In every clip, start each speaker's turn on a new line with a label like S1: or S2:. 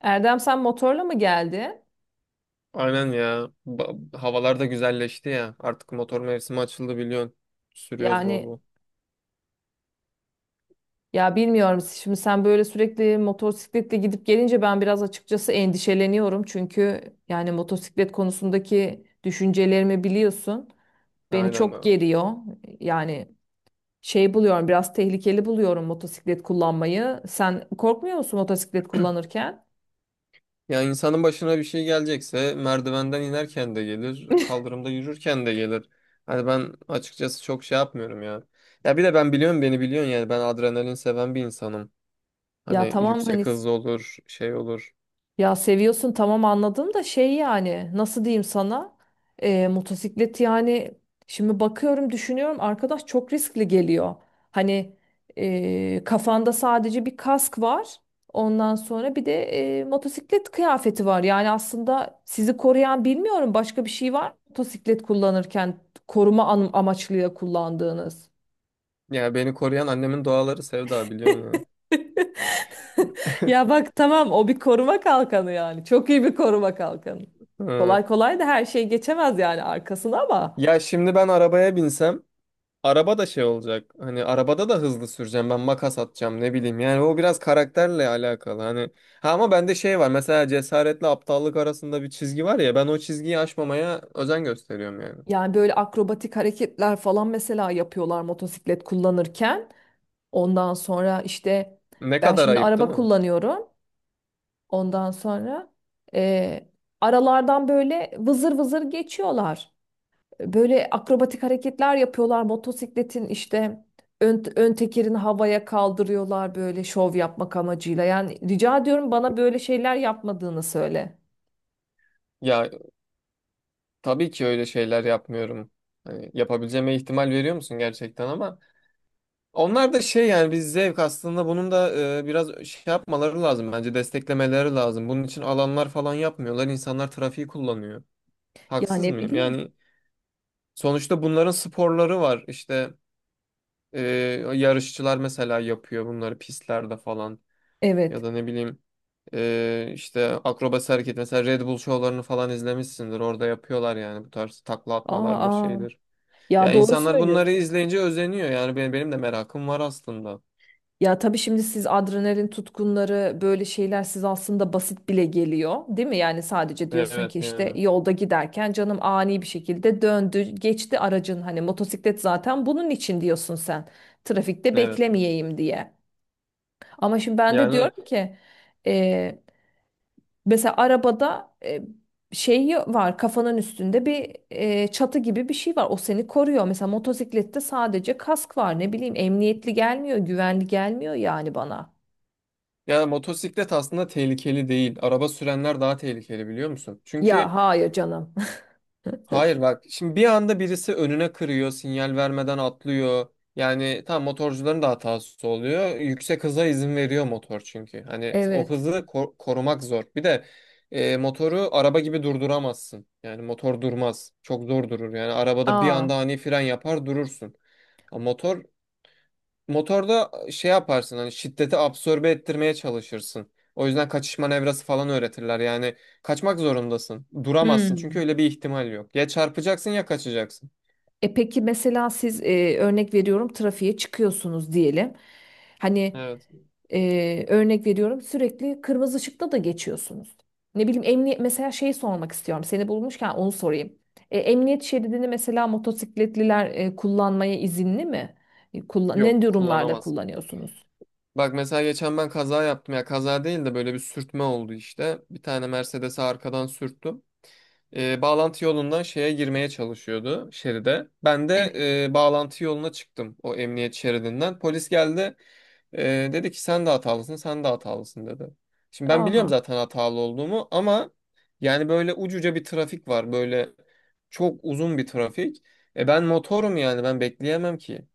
S1: Erdem sen motorla mı geldi?
S2: Aynen ya. Havalar da güzelleşti ya. Artık motor mevsimi açıldı biliyorsun. Sürüyoruz bol
S1: Yani
S2: bol.
S1: ya bilmiyorum, şimdi sen böyle sürekli motosikletle gidip gelince ben biraz açıkçası endişeleniyorum. Çünkü yani motosiklet konusundaki düşüncelerimi biliyorsun. Beni
S2: Aynen
S1: çok
S2: abi.
S1: geriyor. Yani şey buluyorum, biraz tehlikeli buluyorum motosiklet kullanmayı. Sen korkmuyor musun motosiklet kullanırken?
S2: Ya insanın başına bir şey gelecekse merdivenden inerken de gelir, kaldırımda yürürken de gelir. Hani ben açıkçası çok şey yapmıyorum ya. Ya bir de ben biliyorum, beni biliyorsun, yani ben adrenalin seven bir insanım.
S1: Ya
S2: Hani
S1: tamam hani,
S2: yüksek hız olur, şey olur.
S1: ya seviyorsun tamam anladım da şey yani nasıl diyeyim sana. Motosiklet yani şimdi bakıyorum düşünüyorum arkadaş çok riskli geliyor. Hani kafanda sadece bir kask var, ondan sonra bir de motosiklet kıyafeti var. Yani aslında sizi koruyan bilmiyorum başka bir şey var mı motosiklet kullanırken koruma amaçlı kullandığınız?
S2: Ya beni koruyan annemin duaları Sevda, biliyorsun yani.
S1: Ya bak tamam, o bir koruma kalkanı yani. Çok iyi bir koruma kalkanı.
S2: Hı.
S1: Kolay kolay da her şey geçemez yani arkasına ama.
S2: Ya şimdi ben arabaya binsem, araba da şey olacak. Hani arabada da hızlı süreceğim. Ben makas atacağım, ne bileyim. Yani o biraz karakterle alakalı. Hani ha, ama bende şey var. Mesela cesaretle aptallık arasında bir çizgi var ya. Ben o çizgiyi aşmamaya özen gösteriyorum yani.
S1: Yani böyle akrobatik hareketler falan mesela yapıyorlar motosiklet kullanırken. Ondan sonra işte
S2: Ne
S1: ben
S2: kadar
S1: şimdi
S2: ayıp, değil
S1: araba
S2: mi?
S1: kullanıyorum. Ondan sonra e, aralardan böyle vızır vızır geçiyorlar. Böyle akrobatik hareketler yapıyorlar. Motosikletin işte ön tekerini havaya kaldırıyorlar böyle şov yapmak amacıyla. Yani rica ediyorum bana böyle şeyler yapmadığını söyle.
S2: Ya tabii ki öyle şeyler yapmıyorum. Hani yapabileceğime ihtimal veriyor musun gerçekten? Ama onlar da şey, yani biz zevk, aslında bunun da biraz şey yapmaları lazım bence, desteklemeleri lazım. Bunun için alanlar falan yapmıyorlar. İnsanlar trafiği kullanıyor.
S1: Ya
S2: Haksız
S1: ne
S2: mıyım
S1: bileyim.
S2: yani? Sonuçta bunların sporları var. İşte e, yarışçılar mesela yapıyor bunları pistlerde falan. Ya
S1: Evet.
S2: da ne bileyim, işte akrobasi hareket, mesela Red Bull şovlarını falan izlemişsindir. Orada yapıyorlar yani, bu tarz takla
S1: Aa,
S2: atmalardır,
S1: aa.
S2: şeydir. Ya
S1: Ya doğru
S2: insanlar bunları
S1: söylüyorsun.
S2: izleyince özeniyor. Yani benim de merakım var aslında.
S1: Ya tabii şimdi siz adrenalin tutkunları böyle şeyler siz aslında basit bile geliyor, değil mi? Yani sadece diyorsun ki
S2: Evet
S1: işte
S2: yani.
S1: yolda giderken canım ani bir şekilde döndü, geçti aracın, hani motosiklet zaten bunun için diyorsun sen. Trafikte
S2: Evet.
S1: beklemeyeyim diye. Ama şimdi ben de
S2: Yani
S1: diyorum ki, e, mesela arabada şeyi var, kafanın üstünde bir çatı gibi bir şey var. O seni koruyor. Mesela motosiklette sadece kask var. Ne bileyim emniyetli gelmiyor, güvenli gelmiyor yani bana.
S2: ya motosiklet aslında tehlikeli değil. Araba sürenler daha tehlikeli, biliyor musun? Çünkü
S1: Ya hayır canım.
S2: hayır bak, şimdi bir anda birisi önüne kırıyor, sinyal vermeden atlıyor. Yani tam motorcuların da hatası oluyor. Yüksek hıza izin veriyor motor çünkü. Hani o
S1: Evet.
S2: hızı korumak zor. Bir de motoru araba gibi durduramazsın. Yani motor durmaz. Çok zor durur. Yani arabada bir
S1: Aa.
S2: anda ani fren yapar, durursun. Ama motor, motorda şey yaparsın, hani şiddeti absorbe ettirmeye çalışırsın. O yüzden kaçış manevrası falan öğretirler. Yani kaçmak zorundasın. Duramazsın çünkü
S1: Hmm.
S2: öyle bir ihtimal yok. Ya çarpacaksın ya kaçacaksın.
S1: E peki mesela siz, örnek veriyorum, trafiğe çıkıyorsunuz diyelim. Hani
S2: Evet.
S1: örnek veriyorum sürekli kırmızı ışıkta da geçiyorsunuz. Ne bileyim emniyet mesela şey sormak istiyorum. Seni bulmuşken onu sorayım. E, emniyet şeridini mesela motosikletliler kullanmaya izinli mi? E,
S2: Yok,
S1: ne durumlarda
S2: kullanamazsın.
S1: kullanıyorsunuz?
S2: Bak mesela geçen ben kaza yaptım ya, kaza değil de böyle bir sürtme oldu işte. Bir tane Mercedes'e arkadan sürttüm. Bağlantı yolundan şeye girmeye çalışıyordu, şeride. Ben de
S1: Evet.
S2: bağlantı yoluna çıktım o emniyet şeridinden. Polis geldi, dedi ki sen de hatalısın, sen de hatalısın dedi. Şimdi ben biliyorum
S1: Aa,
S2: zaten hatalı olduğumu, ama yani böyle ucuca bir trafik var, böyle çok uzun bir trafik. E ben motorum, yani ben bekleyemem ki.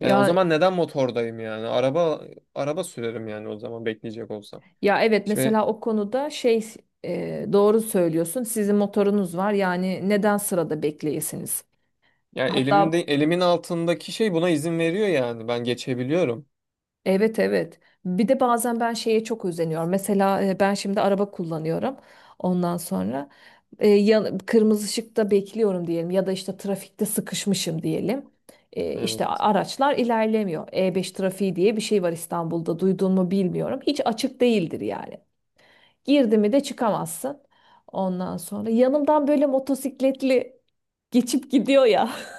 S2: Yani o
S1: ya
S2: zaman neden motordayım yani? Araba sürerim yani o zaman, bekleyecek olsam.
S1: ya evet,
S2: Şimdi
S1: mesela o konuda şey, doğru söylüyorsun. Sizin motorunuz var yani neden sırada bekleyesiniz?
S2: ya elimde,
S1: Hatta
S2: elimin altındaki şey buna izin veriyor yani. Ben geçebiliyorum.
S1: evet, evet. Bir de bazen ben şeye çok özeniyorum. Mesela ben şimdi araba kullanıyorum. Ondan sonra kırmızı ışıkta bekliyorum diyelim ya da işte trafikte sıkışmışım diyelim. E, işte
S2: Evet.
S1: araçlar ilerlemiyor. E5 trafiği diye bir şey var İstanbul'da. Duydun mu bilmiyorum. Hiç açık değildir yani. Girdi mi de çıkamazsın. Ondan sonra yanımdan böyle motosikletli geçip gidiyor ya.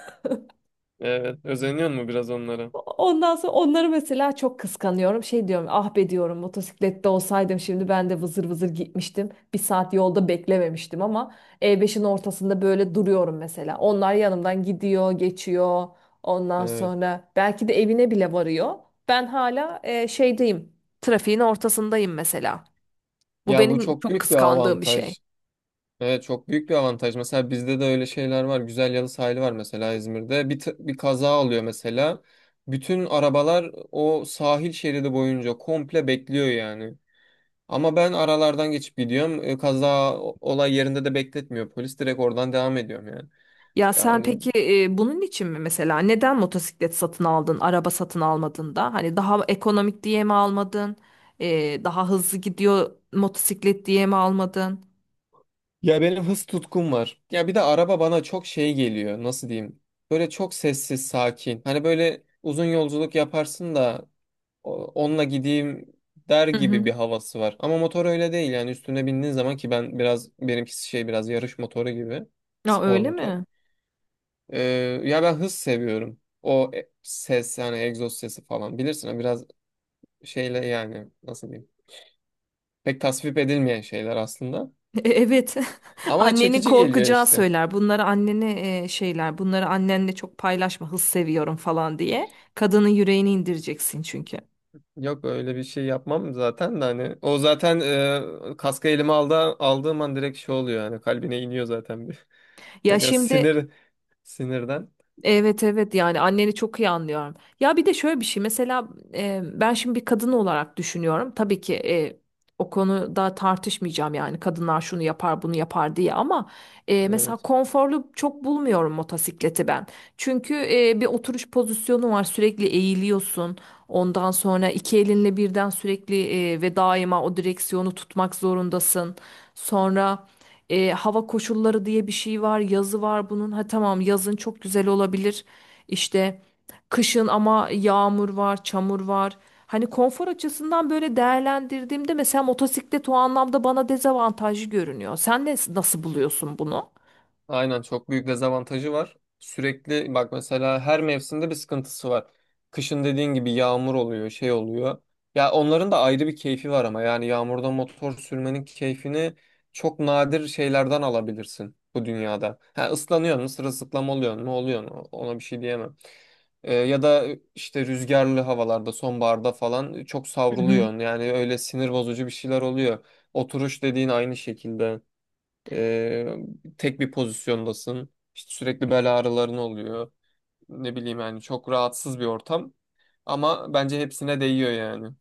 S2: Evet. Özeniyor mu biraz onlara?
S1: Ondan sonra onları mesela çok kıskanıyorum. Şey diyorum, ah be diyorum motosiklette olsaydım şimdi ben de vızır vızır gitmiştim, bir saat yolda beklememiştim. Ama E5'in ortasında böyle duruyorum mesela. Onlar yanımdan gidiyor, geçiyor. Ondan
S2: Evet.
S1: sonra belki de evine bile varıyor. Ben hala şeydeyim. Trafiğin ortasındayım mesela. Bu
S2: Ya bu
S1: benim
S2: çok
S1: çok
S2: büyük bir
S1: kıskandığım bir şey.
S2: avantaj. Evet, çok büyük bir avantaj. Mesela bizde de öyle şeyler var. Güzel Yalı sahili var mesela İzmir'de. Bir, bir kaza oluyor mesela. Bütün arabalar o sahil şeridi boyunca komple bekliyor yani. Ama ben aralardan geçip gidiyorum. E, kaza olay yerinde de bekletmiyor. Polis, direkt oradan devam ediyorum yani.
S1: Ya sen
S2: Yani
S1: peki, bunun için mi mesela neden motosiklet satın aldın, araba satın almadın da? Hani daha ekonomik diye mi almadın? E, daha hızlı gidiyor motosiklet diye mi almadın?
S2: ya benim hız tutkum var. Ya bir de araba bana çok şey geliyor. Nasıl diyeyim? Böyle çok sessiz, sakin. Hani böyle uzun yolculuk yaparsın da onunla gideyim der
S1: Hı
S2: gibi bir
S1: hı.
S2: havası var. Ama motor öyle değil yani, üstüne bindiğin zaman. Ki ben biraz, benimkisi şey, biraz yarış motoru gibi.
S1: Ya
S2: Spor
S1: öyle
S2: motor.
S1: mi?
S2: Ee, ya ben hız seviyorum. O ses, yani egzoz sesi falan bilirsin, o biraz şeyle, yani nasıl diyeyim? Pek tasvip edilmeyen şeyler aslında.
S1: E, evet.
S2: Ama
S1: Annenin
S2: çekici geliyor
S1: korkacağı
S2: işte.
S1: söyler. Bunları annene şeyler. Bunları annenle çok paylaşma. Hız seviyorum falan diye. Kadının yüreğini indireceksin çünkü.
S2: Yok, öyle bir şey yapmam zaten de hani, o zaten kaskı elime aldı, aldığım an direkt şey oluyor yani, kalbine iniyor zaten bir
S1: Ya
S2: tekrar
S1: şimdi
S2: sinir, sinirden.
S1: evet, evet, yani anneni çok iyi anlıyorum. Ya bir de şöyle bir şey mesela, ben şimdi bir kadın olarak düşünüyorum. Tabii ki o konuda tartışmayacağım, yani kadınlar şunu yapar bunu yapar diye, ama mesela
S2: Evet.
S1: konforlu çok bulmuyorum motosikleti ben. Çünkü bir oturuş pozisyonu var, sürekli eğiliyorsun. Ondan sonra iki elinle birden sürekli ve daima o direksiyonu tutmak zorundasın. Sonra. Hava koşulları diye bir şey var, yazı var bunun. Ha tamam, yazın çok güzel olabilir. İşte kışın ama yağmur var, çamur var. Hani konfor açısından böyle değerlendirdiğimde mesela motosiklet o anlamda bana dezavantajlı görünüyor. Sen ne, nasıl buluyorsun bunu?
S2: Aynen çok büyük dezavantajı var. Sürekli bak, mesela her mevsimde bir sıkıntısı var. Kışın dediğin gibi yağmur oluyor, şey oluyor. Ya onların da ayrı bir keyfi var ama, yani yağmurda motor sürmenin keyfini çok nadir şeylerden alabilirsin bu dünyada. Ha ıslanıyor mu, sırılsıklam oluyor mu, oluyor mu? Ona bir şey diyemem. Ya da işte rüzgarlı havalarda, sonbaharda falan çok
S1: Hı hı.
S2: savruluyorsun. Yani öyle sinir bozucu bir şeyler oluyor. Oturuş dediğin aynı şekilde. Ee, tek bir pozisyondasın. İşte sürekli bel ağrıların oluyor. Ne bileyim yani, çok rahatsız bir ortam. Ama bence hepsine değiyor yani.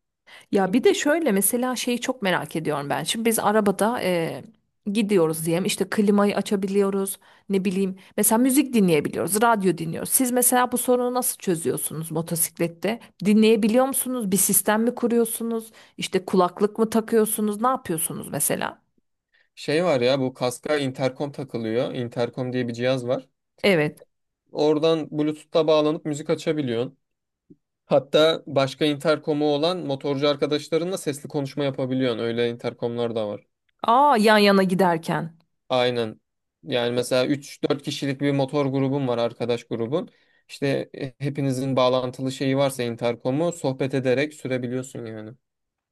S1: Ya bir de şöyle mesela şeyi çok merak ediyorum ben. Şimdi biz arabada gidiyoruz diyelim, işte klimayı açabiliyoruz, ne bileyim mesela müzik dinleyebiliyoruz, radyo dinliyoruz. Siz mesela bu sorunu nasıl çözüyorsunuz motosiklette? Dinleyebiliyor musunuz? Bir sistem mi kuruyorsunuz? İşte kulaklık mı takıyorsunuz? Ne yapıyorsunuz mesela?
S2: Şey var ya, bu kaska interkom takılıyor. Interkom diye bir cihaz var.
S1: Evet.
S2: Oradan Bluetooth'ta bağlanıp müzik açabiliyorsun. Hatta başka interkomu olan motorcu arkadaşlarınla sesli konuşma yapabiliyorsun. Öyle interkomlar da var.
S1: Aa, yan yana giderken.
S2: Aynen. Yani mesela üç dört kişilik bir motor grubun var, arkadaş grubun. İşte hepinizin bağlantılı şeyi varsa, interkomu sohbet ederek sürebiliyorsun yani.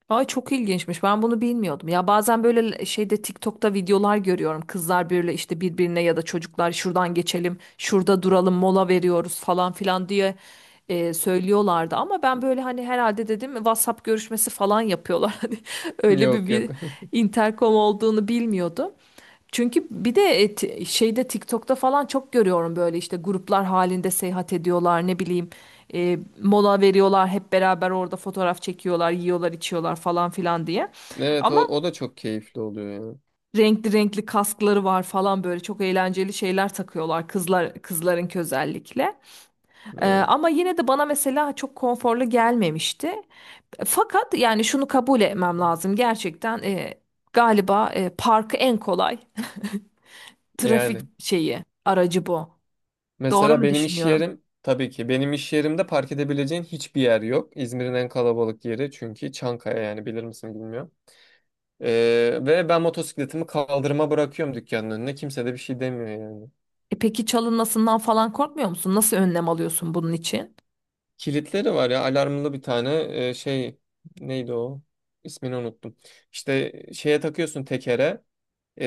S1: Ay çok ilginçmiş. Ben bunu bilmiyordum. Ya bazen böyle şeyde TikTok'ta videolar görüyorum. Kızlar böyle işte birbirine ya da çocuklar şuradan geçelim, şurada duralım, mola veriyoruz falan filan diye söylüyorlardı. Ama ben böyle hani herhalde dedim WhatsApp görüşmesi falan yapıyorlar. Hani öyle bir,
S2: Yok yok.
S1: bir intercom olduğunu bilmiyordum. Çünkü bir de şeyde TikTok'ta falan çok görüyorum, böyle işte gruplar halinde seyahat ediyorlar, ne bileyim mola veriyorlar, hep beraber orada fotoğraf çekiyorlar, yiyorlar içiyorlar falan filan diye.
S2: Evet, o,
S1: Ama
S2: o da çok keyifli oluyor yani.
S1: renkli renkli kaskları var falan, böyle çok eğlenceli şeyler takıyorlar kızların özellikle. E,
S2: Evet.
S1: ama yine de bana mesela çok konforlu gelmemişti. Fakat yani şunu kabul etmem lazım gerçekten, galiba parkı en kolay.
S2: Yani
S1: Trafik şeyi, aracı bu. Doğru
S2: mesela
S1: mu
S2: benim iş
S1: düşünüyorum?
S2: yerim, tabii ki benim iş yerimde park edebileceğin hiçbir yer yok. İzmir'in en kalabalık yeri çünkü Çankaya, yani bilir misin bilmiyorum. Ve ben motosikletimi kaldırıma bırakıyorum, dükkanın önüne. Kimse de bir şey demiyor yani.
S1: E peki çalınmasından falan korkmuyor musun? Nasıl önlem alıyorsun bunun için?
S2: Kilitleri var ya, alarmlı bir tane şey, neydi o, ismini unuttum. İşte şeye takıyorsun, tekere,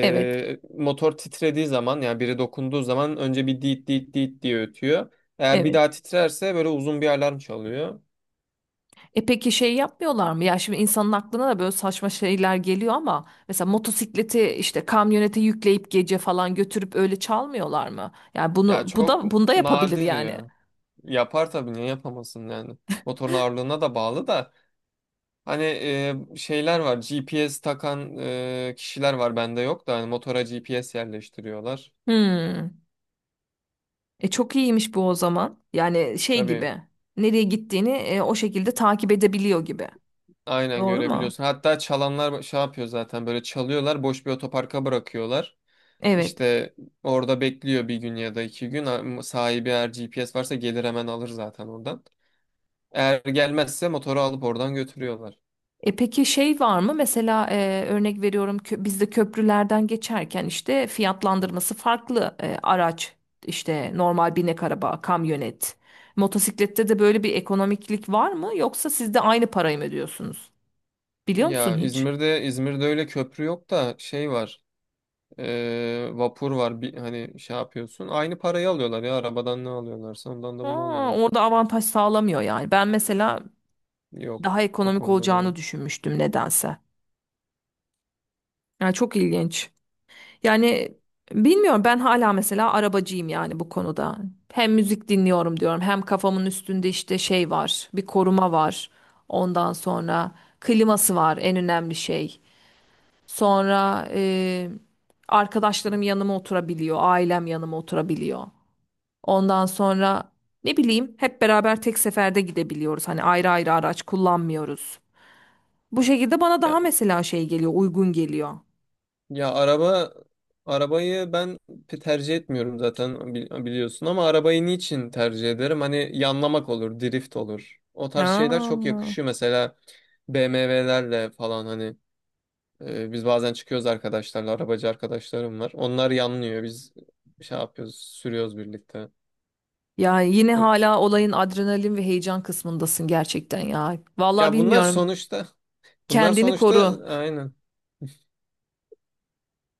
S1: Evet,
S2: motor titrediği zaman, yani biri dokunduğu zaman önce bir diit diit diit diye ötüyor. Eğer bir
S1: evet.
S2: daha titrerse böyle uzun bir alarm çalıyor.
S1: E peki şey yapmıyorlar mı? Ya şimdi insanın aklına da böyle saçma şeyler geliyor ama, mesela motosikleti işte kamyonete yükleyip gece falan götürüp öyle çalmıyorlar mı? Yani
S2: Ya
S1: bunu bu
S2: çok
S1: da bunda yapabilir
S2: nadir
S1: yani.
S2: ya. Yapar tabii, niye yapamasın yani. Motorun ağırlığına da bağlı da, hani şeyler var, GPS takan kişiler var, bende yok da, hani motora GPS yerleştiriyorlar.
S1: Hmm. E çok iyiymiş bu o zaman. Yani şey
S2: Tabii,
S1: gibi, nereye gittiğini o şekilde takip edebiliyor gibi.
S2: aynen
S1: Doğru mu?
S2: görebiliyorsun. Hatta çalanlar şey yapıyor zaten, böyle çalıyorlar, boş bir otoparka bırakıyorlar.
S1: Evet.
S2: İşte orada bekliyor bir gün ya da iki gün. Sahibi eğer GPS varsa gelir hemen alır zaten oradan. Eğer gelmezse motoru alıp oradan götürüyorlar.
S1: E peki şey var mı? Mesela örnek veriyorum, bizde köprülerden geçerken işte fiyatlandırması farklı. Araç işte, normal binek araba, kamyonet. Motosiklette de böyle bir ekonomiklik var mı? Yoksa siz de aynı parayı mı ödüyorsunuz? Biliyor musun
S2: Ya
S1: hiç?
S2: İzmir'de öyle köprü yok da, şey var, vapur var. Bir, hani şey yapıyorsun. Aynı parayı alıyorlar, ya arabadan ne alıyorlarsa ondan da bunu
S1: Aa,
S2: alıyorlar.
S1: orada avantaj sağlamıyor yani. Ben mesela
S2: Yok,
S1: daha
S2: o
S1: ekonomik
S2: konuda bir,
S1: olacağını düşünmüştüm nedense. Yani çok ilginç. Yani bilmiyorum, ben hala mesela arabacıyım yani bu konuda. Hem müzik dinliyorum diyorum, hem kafamın üstünde işte şey var, bir koruma var. Ondan sonra kliması var, en önemli şey. Sonra arkadaşlarım yanıma oturabiliyor, ailem yanıma oturabiliyor. Ondan sonra ne bileyim hep beraber tek seferde gidebiliyoruz. Hani ayrı ayrı araç kullanmıyoruz. Bu şekilde bana daha
S2: ya,
S1: mesela şey geliyor, uygun geliyor.
S2: ya arabayı ben tercih etmiyorum zaten, biliyorsun, ama arabayı niçin tercih ederim? Hani yanlamak olur, drift olur. O tarz
S1: Ha.
S2: şeyler çok yakışıyor mesela BMW'lerle falan, hani biz bazen çıkıyoruz arkadaşlarla, arabacı arkadaşlarım var. Onlar yanlıyor. Biz şey yapıyoruz, sürüyoruz birlikte.
S1: Yani yine hala olayın adrenalin ve heyecan kısmındasın gerçekten ya. Vallahi
S2: Ya bunlar
S1: bilmiyorum.
S2: sonuçta,
S1: Kendini koru.
S2: aynen.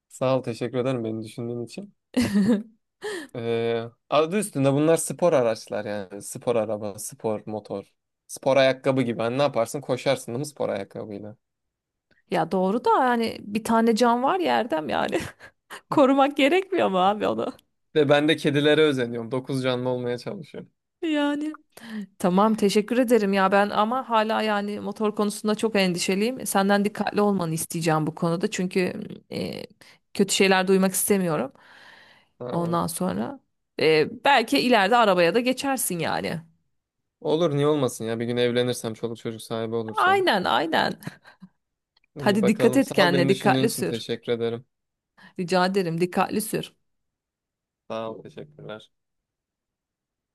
S2: Sağ ol, teşekkür ederim beni düşündüğün için. Ee, adı üstünde bunlar spor araçlar yani. Spor araba, spor motor, spor ayakkabı gibi. Hani ne yaparsın? Koşarsın değil mi spor ayakkabıyla?
S1: Ya doğru da, yani bir tane can var ya Erdem yani. Korumak gerekmiyor mu abi onu?
S2: Ve ben de kedilere özeniyorum. Dokuz canlı olmaya çalışıyorum.
S1: Yani. Tamam teşekkür ederim ya, ben ama hala yani motor konusunda çok endişeliyim. Senden dikkatli olmanı isteyeceğim bu konuda. Çünkü e, kötü şeyler duymak istemiyorum.
S2: Tamam.
S1: Ondan sonra belki ileride arabaya da geçersin yani.
S2: Olur, niye olmasın ya. Bir gün evlenirsem, çoluk çocuk sahibi olursam.
S1: Aynen, aynen.
S2: İyi
S1: Hadi dikkat
S2: bakalım.
S1: et
S2: Sağ ol,
S1: kendine,
S2: beni düşündüğün
S1: dikkatli
S2: için
S1: sür.
S2: teşekkür ederim.
S1: Rica ederim, dikkatli sür.
S2: Sağ ol, teşekkürler.